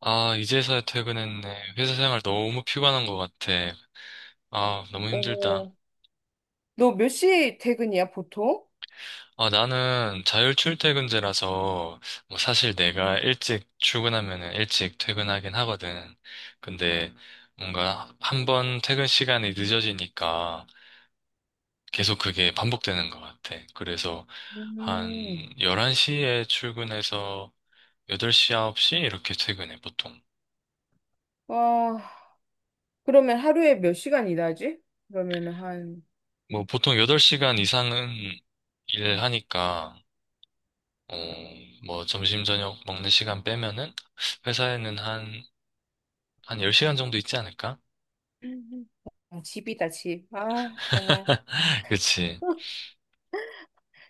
아, 이제서야 퇴근했네. 회사 생활 너무 피곤한 것 같아. 아, 너무 힘들다. 어, 너 몇 시 퇴근이야, 보통? 아, 나는 자율 출퇴근제라서, 뭐 사실 내가 일찍 출근하면은 일찍 퇴근하긴 하거든. 근데 뭔가 한 번 퇴근 시간이 늦어지니까 계속 그게 반복되는 것 같아. 그래서 한 음. 11시에 출근해서 8시, 9시 이렇게 퇴근해, 보통. 아, 그러면 하루에 몇 시간 일하지? 그러면 한, 뭐 보통 8시간 이상은 일하니까 어, 뭐 점심 저녁 먹는 시간 빼면은 회사에는 한 10시간 정도 있지 않을까? 아, 집이다, 집. 아, 정말. 그치.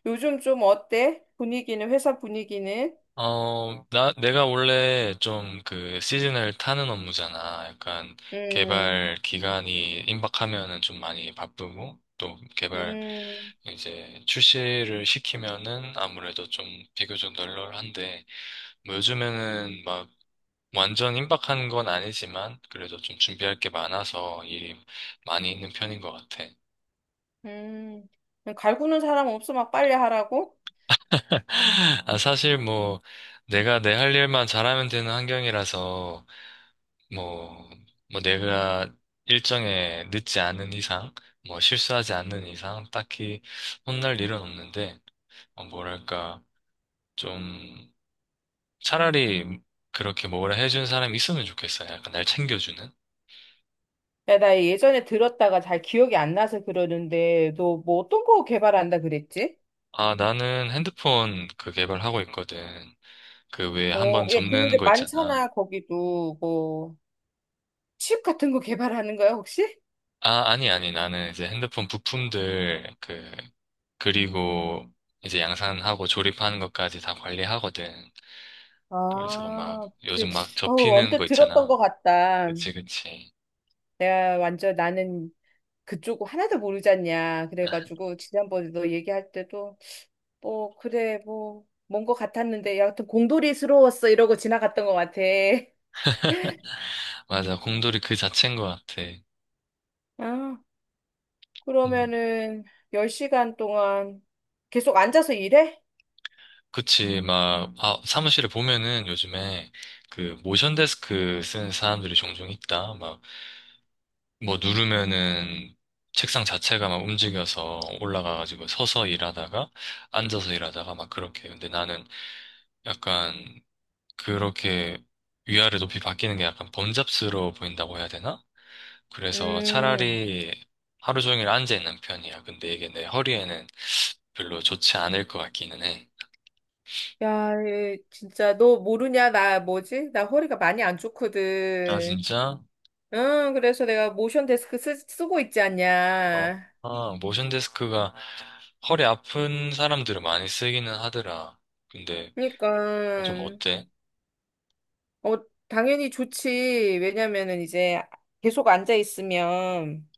요즘 좀 어때? 분위기는, 회사 분위기는? 내가 원래 좀 그 시즌을 타는 업무잖아. 약간 음, 개발 기간이 임박하면은 좀 많이 바쁘고, 또 개발 음. 이제 출시를 시키면은 아무래도 좀 비교적 널널한데, 뭐 요즘에는 막 완전 임박한 건 아니지만, 그래도 좀 준비할 게 많아서 일이 많이 있는 편인 것 같아. 음, 갈구는 사람 없어 막 빨리 하라고? 아, 사실 뭐, 내가 내 할 일만 잘하면 되는 환경이라서, 뭐, 뭐 내가 일정에 늦지 않은 이상, 뭐 실수하지 않는 이상, 딱히 혼날 일은 없는데, 어, 뭐랄까, 좀, 차라리 그렇게 뭐라 해준 사람이 있으면 좋겠어요. 약간 날 챙겨주는. 야, 나 예전에 들었다가 잘 기억이 안 나서 그러는데, 너 뭐 어떤 거 개발한다 그랬지? 아, 나는 핸드폰 그 개발하고 있거든. 그 왜 어, 한번 예, 접는 근데 거 있잖아. 많잖아, 거기도. 뭐, 칩 같은 거 개발하는 거야, 혹시? 아, 아니, 나는 이제 핸드폰 부품들 그 그리고 이제 양산하고 조립하는 것까지 다 관리하거든. 그래서 막 아, 그, 요즘 막 어, 접히는 언뜻 거 들었던 있잖아. 것 같다. 그치, 그치. 내가 완전 나는 그쪽 하나도 모르지 않냐. 그래가지고, 지난번에 너 얘기할 때도, 뭐, 그래, 뭐, 뭔 것 같았는데, 여하튼 공돌이스러웠어. 이러고 지나갔던 것 같아. 맞아. 곰돌이 그 자체인 것 같아. 아, 음. 그러면은 10시간 동안 계속 앉아서 일해? 그치. 막, 아, 사무실에 보면은 요즘에 그 모션 데스크 쓰는 사람들이 종종 있다. 막, 뭐 누르면은 책상 자체가 막 움직여서 올라가가지고 서서 일하다가 앉아서 일하다가 막 그렇게. 근데 나는 약간 그렇게 위아래 높이 바뀌는 게 약간 번잡스러워 보인다고 해야 되나? 그래서 음. 차라리 하루 종일 앉아 있는 편이야. 근데 이게 내 허리에는 별로 좋지 않을 것 같기는 해. 야, 진짜 너 모르냐? 나 뭐지? 나 허리가 많이 안 아, 좋거든. 진짜? 응, 그래서 내가 모션 데스크 쓰고 있지 어. 않냐. 아, 모션 데스크가 허리 아픈 사람들은 많이 쓰기는 하더라. 근데 그러니까 좀 어때? 어, 당연히 좋지. 왜냐면은 이제 계속 앉아 있으면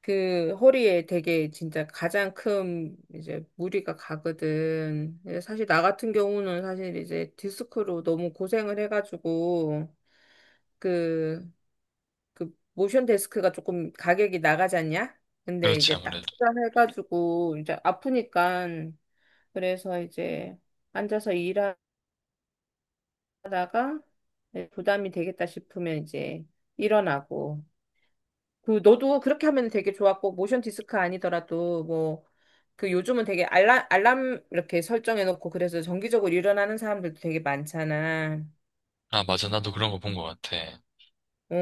그 허리에 되게 진짜 가장 큰 이제 무리가 가거든. 근데 사실 나 같은 경우는 사실 이제 디스크로 너무 고생을 해가지고 그, 그 모션 데스크가 조금 가격이 나가지 않냐? 근데 그렇지, 이제 딱 아무래도. 투자해가지고 이제 아프니까 그래서 이제 앉아서 일하다가 부담이 되겠다 싶으면 이제 일어나고 그 너도 그렇게 하면 되게 좋았고 모션 디스크 아니더라도 뭐 그 요즘은 되게 알람 알람 이렇게 설정해 놓고 그래서 정기적으로 일어나는 사람들도 되게 많잖아. 아, 맞아. 나도 그런 거 본 것 같아. 어,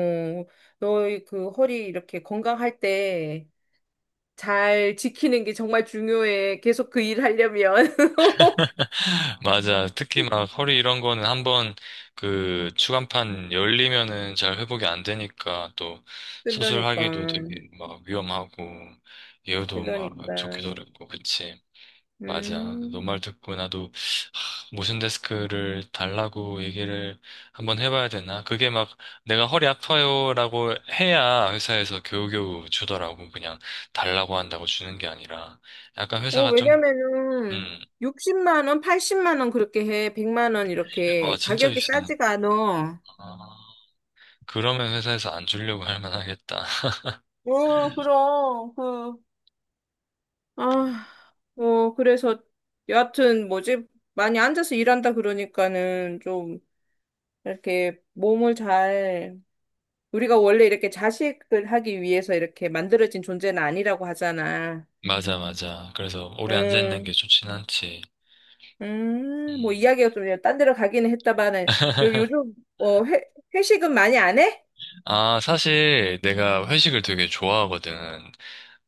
너의 그 허리 이렇게 건강할 때 잘 지키는 게 정말 중요해. 계속 그 일 하려면. 맞아. 특히 막 허리 이런 거는 한 번 그 추간판 열리면은 잘 회복이 안 되니까 또 그러니까. 수술하기도 되게 막 위험하고 예후도 막 그러니까. 좋기도 어렵고 그치. 맞아. 너 음. 말 듣고 나도 하, 모션 데스크를 달라고 얘기를 한번 해봐야 되나? 그게 막 내가 허리 아파요라고 해야 회사에서 겨우겨우 주더라고. 그냥 달라고 한다고 주는 게 아니라 약간 어, 회사가 좀 왜냐면은 음, 60만 원, 80만 원 그렇게 해. 100만 원 어, 이렇게 진짜 가격이 비싸네. 싸지가 않아. 아, 그러면 회사에서 안 주려고 할 만하겠다. 어, 그럼, 그, 아, 뭐, 그래서, 여하튼, 뭐지, 많이 앉아서 일한다 그러니까는 좀, 이렇게 몸을 잘, 우리가 원래 이렇게 자식을 하기 위해서 이렇게 만들어진 존재는 아니라고 하잖아. 맞아, 맞아. 그래서 오래 앉아있는 게 음, 좋진 않지. 뭐, 음. 이야기가 좀, 그냥 딴 데로 가기는 했다마는, 요즘, 어, 회식은 많이 안 해? 아, 사실 내가 회식을 되게 좋아하거든.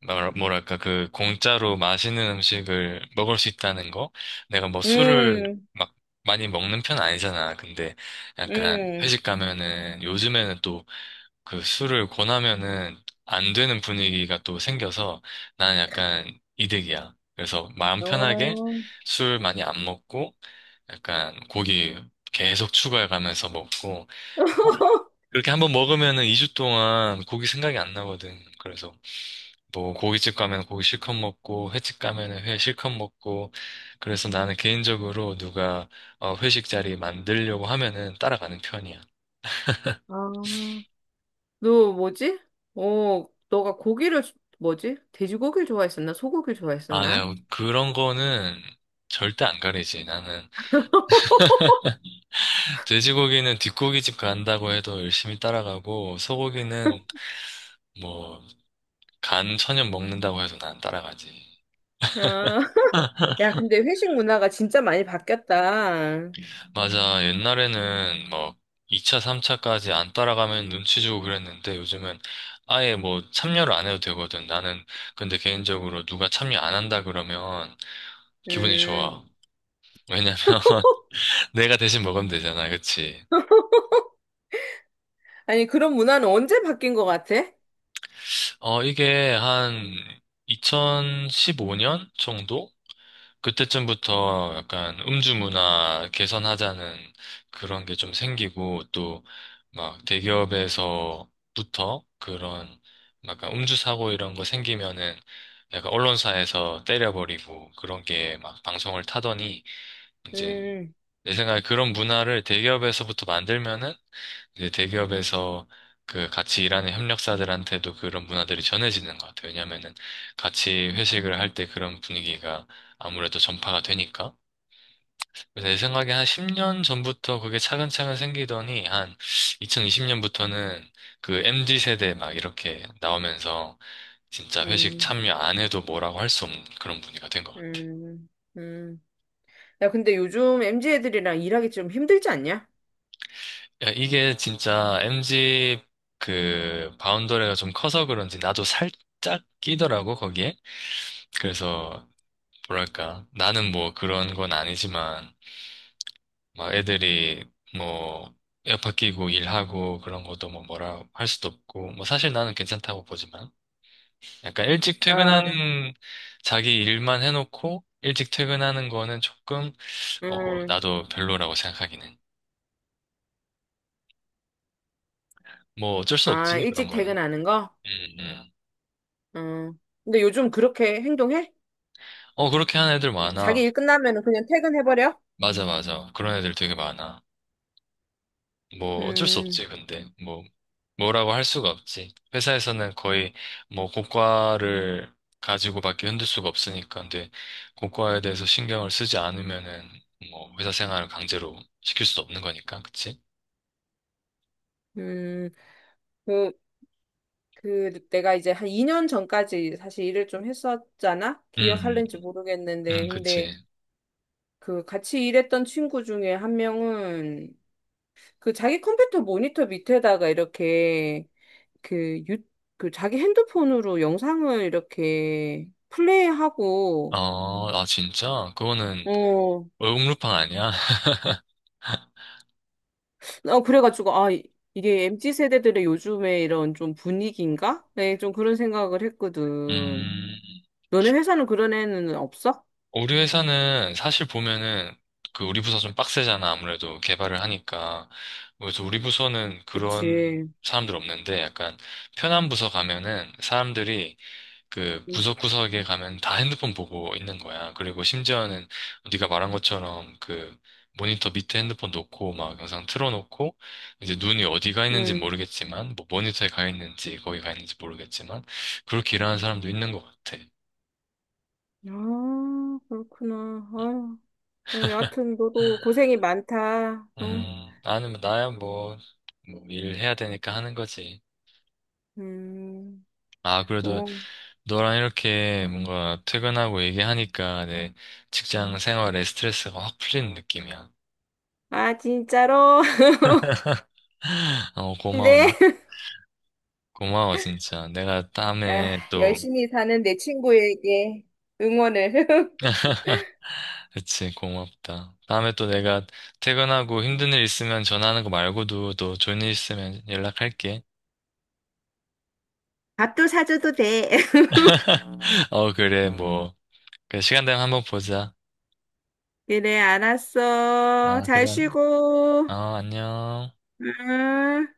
말- 뭐랄까, 그 공짜로 맛있는 음식을 먹을 수 있다는 거? 내가 뭐 술을 음, 막 많이 먹는 편 아니잖아. 근데 약간 음, 회식 가면은 요즘에는 또 그 술을 권하면은 안 되는 분위기가 또 생겨서 나는 약간 이득이야. 그래서 마음 편하게 어. 술 많이 안 먹고 약간 고기 계속 추가해가면서 먹고 그렇게 한번 먹으면은 2주 동안 고기 생각이 안 나거든. 그래서 뭐 고깃집 가면 고기 실컷 먹고 횟집 가면은 회 실컷 먹고 그래서 나는 개인적으로 누가 회식 자리 만들려고 하면은 따라가는 편이야. 아, 너 뭐지? 어, 너가 고기를 뭐지? 돼지고기를 좋아했었나? 소고기를 아, 좋아했었나? 내가 그런 거는 절대 안 가리지. 나는 돼지고기는 뒷고기집 간다고 해도 열심히 따라가고 소고기는 뭐 간 천연 먹는다고 해도 난 따라가지. 어, 야, 근데 회식 문화가 진짜 많이 바뀌었다. 맞아. 옛날에는 뭐 2차, 3차까지 안 따라가면 눈치 주고 그랬는데 요즘은 아예 뭐 참여를 안 해도 되거든. 나는 근데 개인적으로 누가 참여 안 한다 그러면 기분이 음. 좋아. 왜냐면 내가 대신 먹으면 되잖아. 그치? 아니, 그런 문화는 언제 바뀐 것 같아? 어, 이게 한 2015년 정도? 그때쯤부터 약간 음주 문화 개선하자는 그런 게 좀 생기고 또 막 대기업에서부터 그런 막 약간 음주 사고 이런 거 생기면은 약간 언론사에서 때려버리고 그런 게 막 방송을 타더니 이제 음, 내 생각에 그런 문화를 대기업에서부터 만들면은 이제 대기업에서 그 같이 일하는 협력사들한테도 그런 문화들이 전해지는 것 같아요. 왜냐면은 같이 회식을 할 때 그런 분위기가 아무래도 전파가 되니까. 그래서 제 생각에 한 10년 전부터 그게 차근차근 생기더니 한 2020년부터는 그 MZ 세대 막 이렇게 나오면서 진짜 회식 음, 참여 안 해도 뭐라고 할 수 없는 그런 분위기가 된 것 같아요. 음, 음. 야, 근데 요즘 MZ 애들이랑 일하기 좀 힘들지 않냐? 야, 이게 진짜 MZ 그 바운더리가 좀 커서 그런지 나도 살짝 끼더라고 거기에. 그래서 뭐랄까 나는 뭐 그런 건 아니지만 막 애들이 뭐 에어팟 끼고 일하고 그런 것도 뭐 뭐라 할 수도 없고 뭐 사실 나는 괜찮다고 보지만 약간 일찍 아, 퇴근하는 자기 일만 해놓고 일찍 퇴근하는 거는 조금 어 음. 나도 별로라고 생각하기는 뭐 어쩔 수 아, 없지 그런 일찍 거는 퇴근하는 거? 음, 음. 음. 근데 요즘 그렇게 행동해? 어 그렇게 하는 애들 자기 많아 일 끝나면 그냥 퇴근해버려? 맞아 맞아 그런 애들 되게 많아 뭐 어쩔 수 음, 없지, 근데. 뭐, 뭐라고 할 수가 없지. 회사에서는 거의 뭐 고과를 가지고 밖에 흔들 수가 없으니까. 근데 고과에 대해서 신경을 쓰지 않으면은 뭐 회사 생활을 강제로 시킬 수도 없는 거니까. 그치? 음, 그, 그, 내가 이제 한 2년 전까지 사실 일을 좀 했었잖아? 음, 기억할는지 모르겠는데, 근데 그치. 그 같이 일했던 친구 중에 한 명은 그 자기 컴퓨터 모니터 밑에다가 이렇게 그 유, 그 자기 핸드폰으로 영상을 이렇게 플레이하고, 어, 아, 진짜? 그거는 어, 얼음루팡 아니야? 어, 그래가지고, 아, 이게 MZ 세대들의 요즘에 이런 좀 분위기인가? 네, 좀 그런 생각을 했거든. 음. 너네 회사는 그런 애는 없어? 우리 회사는 사실 보면은 그 우리 부서 좀 빡세잖아. 아무래도 개발을 하니까. 그래서 우리 부서는 그런 그치. 사람들 없는데 약간 편한 부서 가면은 사람들이 그 응. 구석구석에 가면 다 핸드폰 보고 있는 거야. 그리고 심지어는 네가 말한 것처럼 그 모니터 밑에 핸드폰 놓고 막 영상 틀어놓고 이제 눈이 어디 가 있는지 응. 모르겠지만 뭐 모니터에 가 있는지 거기 가 있는지 모르겠지만 그렇게 일하는 사람도 있는 것 같아. 아, 그렇구나. 아, 여하튼 너도 고생이 많다. 어? 나는, 뭐- 나야 뭐, 뭐, 일해야 되니까 하는 거지. 음. 아, 그래도 어. 너랑 이렇게 뭔가 퇴근하고 얘기하니까 내 직장 생활에 스트레스가 확 풀리는 느낌이야. 아, 진짜로? 어, 고마워. 나- 근데 고마워, 진짜. 내가 다음에 아, 또, 열심히 사는 내 친구에게 응원을. 그치, 고맙다. 다음에 또 내가 퇴근하고 힘든 일 있으면 전화하는 거 말고도 또 좋은 일 있으면 연락할게. 밥도 사줘도 돼. 어, 그래, 뭐. 그래, 시간 되면 한번 보자. 그래, 알았어. 아, 잘 그래. 쉬고. 어, 안녕. 응.